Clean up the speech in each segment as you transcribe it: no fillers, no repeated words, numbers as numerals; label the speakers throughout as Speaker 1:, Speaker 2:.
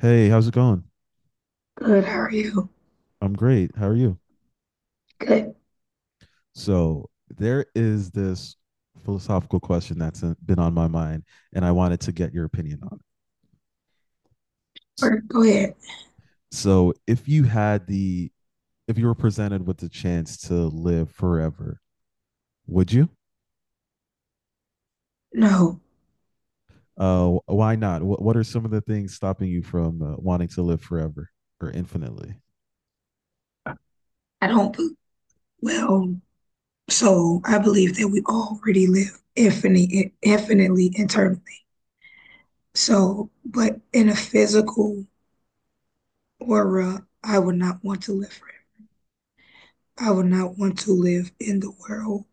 Speaker 1: Hey, how's it going?
Speaker 2: Good. How are you?
Speaker 1: I'm great. How are you?
Speaker 2: Good.
Speaker 1: So, there is this philosophical question that's been on my mind, and I wanted to get your opinion on it.
Speaker 2: Or Go ahead.
Speaker 1: So, if you had the, if you were presented with the chance to live forever, would you?
Speaker 2: No,
Speaker 1: Why not? What are some of the things stopping you from wanting to live forever or infinitely?
Speaker 2: I don't. Well, so I believe that we already live infinitely eternally. So, but in a physical aura, I would not want to live forever. I would not want to live in the world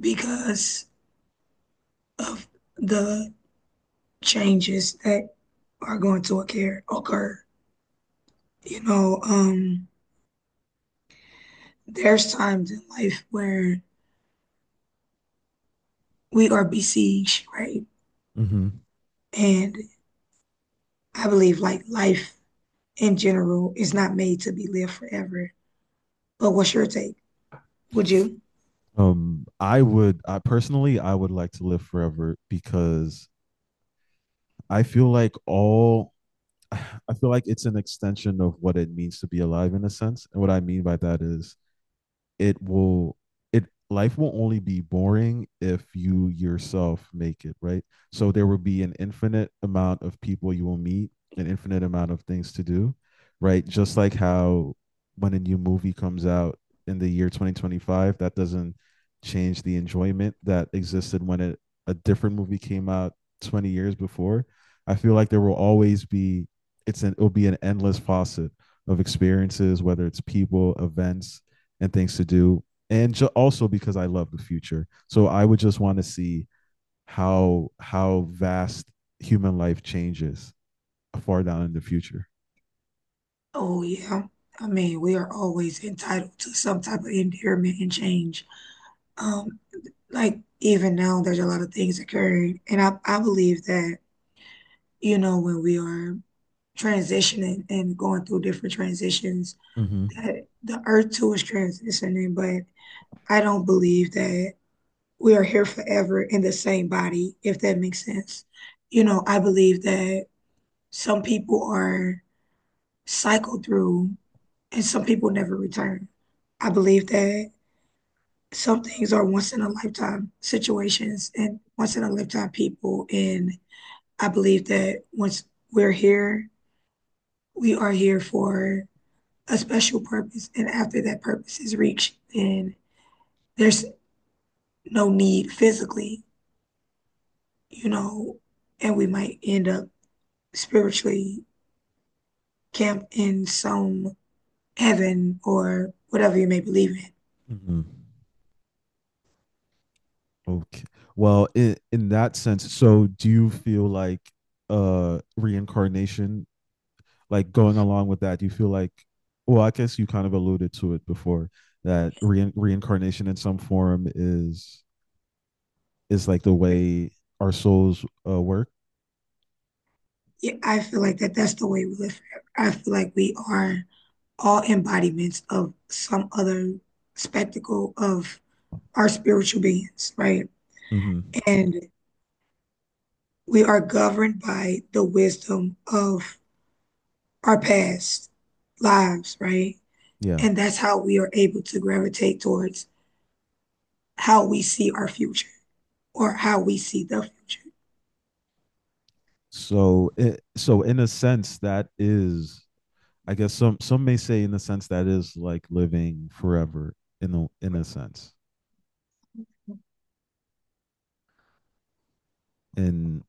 Speaker 2: because of the changes that are going to occur. You know, there's times in life where we are besieged, right?
Speaker 1: Hmm.
Speaker 2: And I believe like life in general is not made to be lived forever. But what's your take? Would you?
Speaker 1: I personally, I would like to live forever because I feel like all I feel like it's an extension of what it means to be alive in a sense. And what I mean by that is, it will it life will only be boring if you yourself make it, right? So there will be an infinite amount of people, you will meet an infinite amount of things to do, right? Just like how when a new movie comes out in the year 2025, that doesn't change the enjoyment that existed when a different movie came out 20 years before. I feel like there will always be. It's an, it'll be an endless faucet of experiences, whether it's people, events, and things to do, and also because I love the future. So I would just want to see how vast human life changes far down in the future.
Speaker 2: Oh yeah. I mean, we are always entitled to some type of endearment and change. Um, like even now there's a lot of things occurring. And I believe that, you know, when we are transitioning and going through different transitions,
Speaker 1: Mm-hmm.
Speaker 2: that the earth too is transitioning, but I don't believe that we are here forever in the same body, if that makes sense. You know, I believe that some people are cycled through and some people never return. I believe that some things are once in a lifetime situations and once in a lifetime people. And I believe that once we're here, we are here for a special purpose. And after that purpose is reached, then there's no need physically, you know, and we might end up spiritually camped in some heaven or whatever you may believe in.
Speaker 1: Mm-hmm. Okay. Well, in that sense, so do you feel like reincarnation, like going along with that, do you feel like, well, I guess you kind of alluded to it before that reincarnation in some form is like the way our souls work.
Speaker 2: Yeah, I feel like that's the way we live forever. I feel like we are all embodiments of some other spectacle of our spiritual beings, right?
Speaker 1: Mm-hmm.
Speaker 2: And we are governed by the wisdom of our past lives, right?
Speaker 1: Yeah.
Speaker 2: And that's how we are able to gravitate towards how we see our future or how we see the future.
Speaker 1: So in a sense that is, I guess, some may say, in a sense that is like living forever, in a sense. And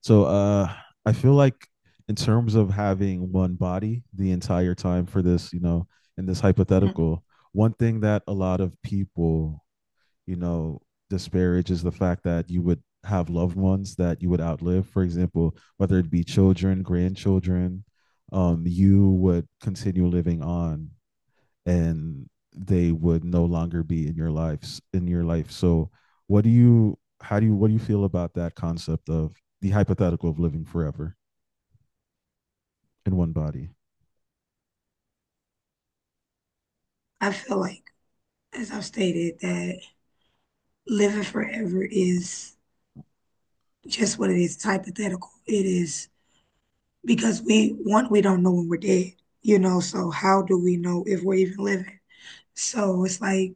Speaker 1: so I feel like, in terms of having one body the entire time for this, in this hypothetical, one thing that a lot of people, you know, disparage is the fact that you would have loved ones that you would outlive. For example, whether it be children, grandchildren, you would continue living on and they would no longer be in your life. So what do you feel about that concept of the hypothetical of living forever in one body?
Speaker 2: I feel like. As I've stated, that living forever is just what it is. It's hypothetical. It is because we don't know when we're dead, you know, so how do we know if we're even living? So it's like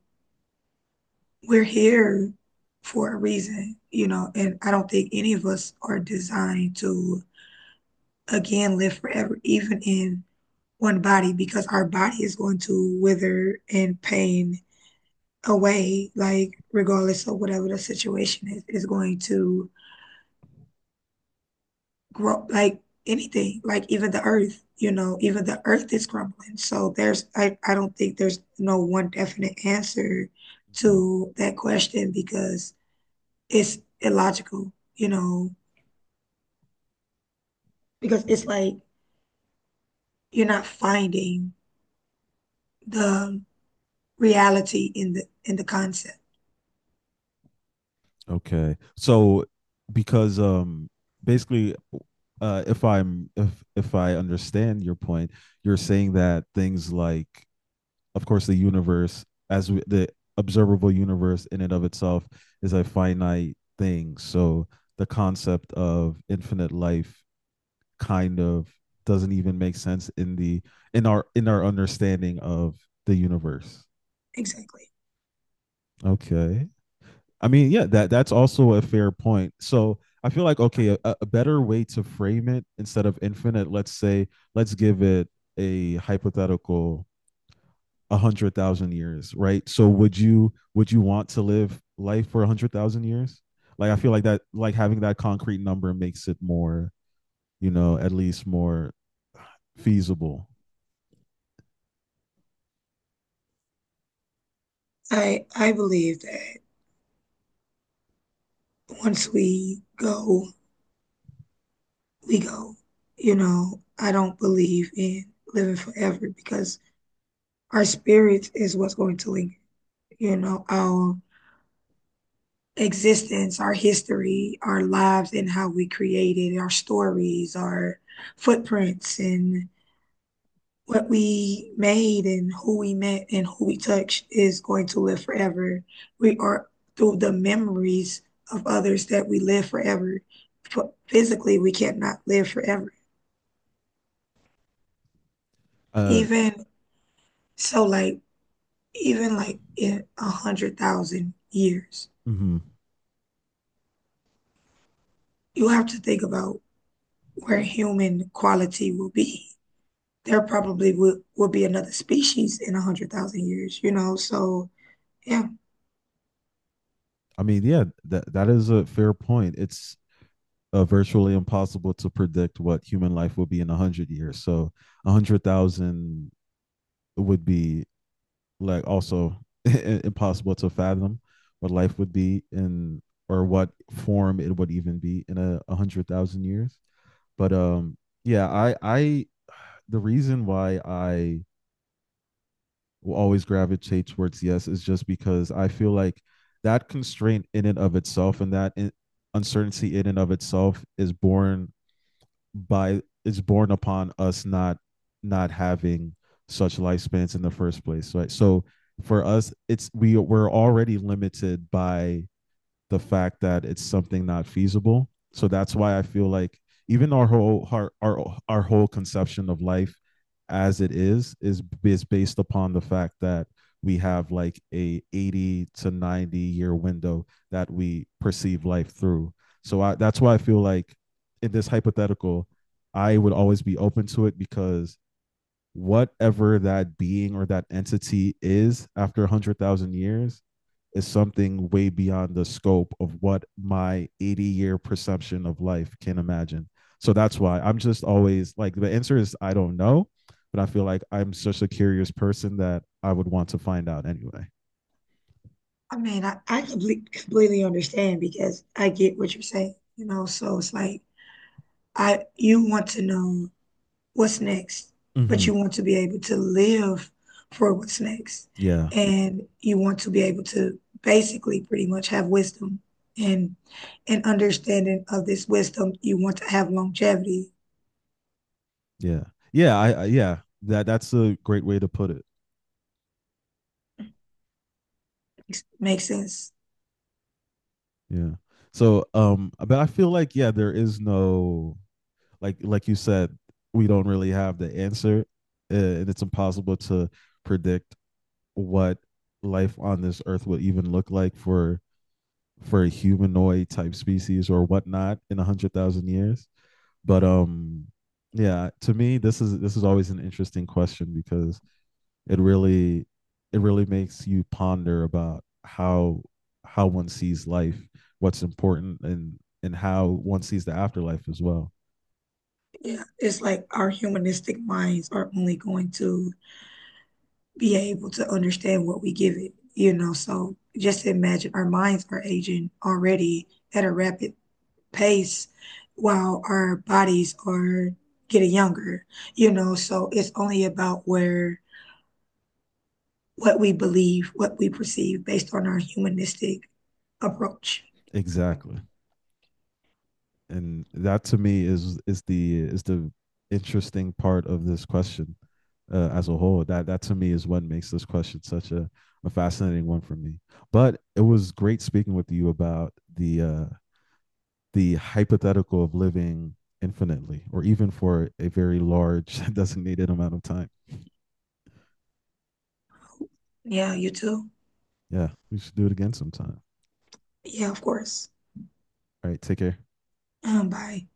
Speaker 2: we're here for a reason, you know, and I don't think any of us are designed to again live forever, even in one body, because our body is going to wither and pain away, like regardless of whatever the situation is going to grow like anything, like even the earth, you know, even the earth is crumbling. So there's I don't think there's no one definite answer
Speaker 1: Mhm.
Speaker 2: to that question because it's illogical, you know, because it's
Speaker 1: Mhm.
Speaker 2: like you're not finding the reality in the concept.
Speaker 1: Okay. So because basically, if I understand your point, you're saying that things like, of course, the universe, the observable universe in and of itself is a finite thing, so the concept of infinite life kind of doesn't even make sense in our understanding of the universe.
Speaker 2: Exactly.
Speaker 1: Okay, I mean, yeah, that's also a fair point. So I feel like, okay, a better way to frame it instead of infinite, let's give it a hypothetical, 100,000 years, right? So would you want to live life for 100,000 years? Like, I feel like that, like having that concrete number makes it more, at least more feasible.
Speaker 2: I believe that once we go we go. You know, I don't believe in living forever because our spirit is what's going to linger. You know, our existence, our history, our lives, and how we created our stories, our footprints, and what we made, and who we met, and who we touched is going to live forever. We are through the memories of others that we live forever. But physically, we cannot live forever.
Speaker 1: Uh
Speaker 2: Even so, like even like in 100,000 years,
Speaker 1: mhm.
Speaker 2: you have to think about where human quality will be. There probably will be another species in 100,000 years, you know? So yeah,
Speaker 1: I mean, yeah, that is a fair point. It's virtually impossible to predict what human life will be in 100 years. So 100,000 would be like also impossible to fathom what life would be in, or what form it would even be in, a hundred thousand years. But yeah, I the reason why I will always gravitate towards yes is just because I feel like that constraint in and of itself, and that uncertainty in and of itself, is born by it's born upon us not having such lifespans in the first place, right? So for us, it's we're already limited by the fact that it's something not feasible. So that's why I feel like even our whole, conception of life as it is based upon the fact that we have, like, a 80 to 90 year window that we perceive life through. So that's why I feel like in this hypothetical, I would always be open to it, because whatever that being or that entity is after 100,000 years is something way beyond the scope of what my 80-year perception of life can imagine. So that's why I'm just always like, the answer is I don't know, but I feel like I'm such a curious person that I would want to find out anyway.
Speaker 2: I mean, I completely completely understand because I get what you're saying, you know? So it's like I you want to know what's next, but
Speaker 1: Mm-hmm.
Speaker 2: you want to be able to live for what's next.
Speaker 1: Yeah.
Speaker 2: And you want to be able to basically pretty much have wisdom and an understanding of this wisdom. You want to have longevity.
Speaker 1: Yeah. Yeah. Yeah. That's a great way to put it.
Speaker 2: Makes sense.
Speaker 1: Yeah. So, but I feel like, yeah, there is no, like you said, we don't really have the answer, and it's impossible to predict what life on this earth would even look like for a humanoid type species or whatnot in 100,000 years. But yeah, to me, this is always an interesting question because it really it really makes you ponder about how one sees life, what's important, and how one sees the afterlife as well.
Speaker 2: Yeah, it's like our humanistic minds are only going to be able to understand what we give it, you know. So just imagine our minds are aging already at a rapid pace while our bodies are getting younger, you know. So it's only about where what we believe, what we perceive based on our humanistic approach.
Speaker 1: Exactly. And that to me is the interesting part of this question, as a whole. That to me is what makes this question such a fascinating one for me. But it was great speaking with you about the hypothetical of living infinitely, or even for a very large designated amount of time.
Speaker 2: Yeah, you too.
Speaker 1: Yeah, we should do it again sometime.
Speaker 2: Yeah, of course.
Speaker 1: All right, take care.
Speaker 2: Bye.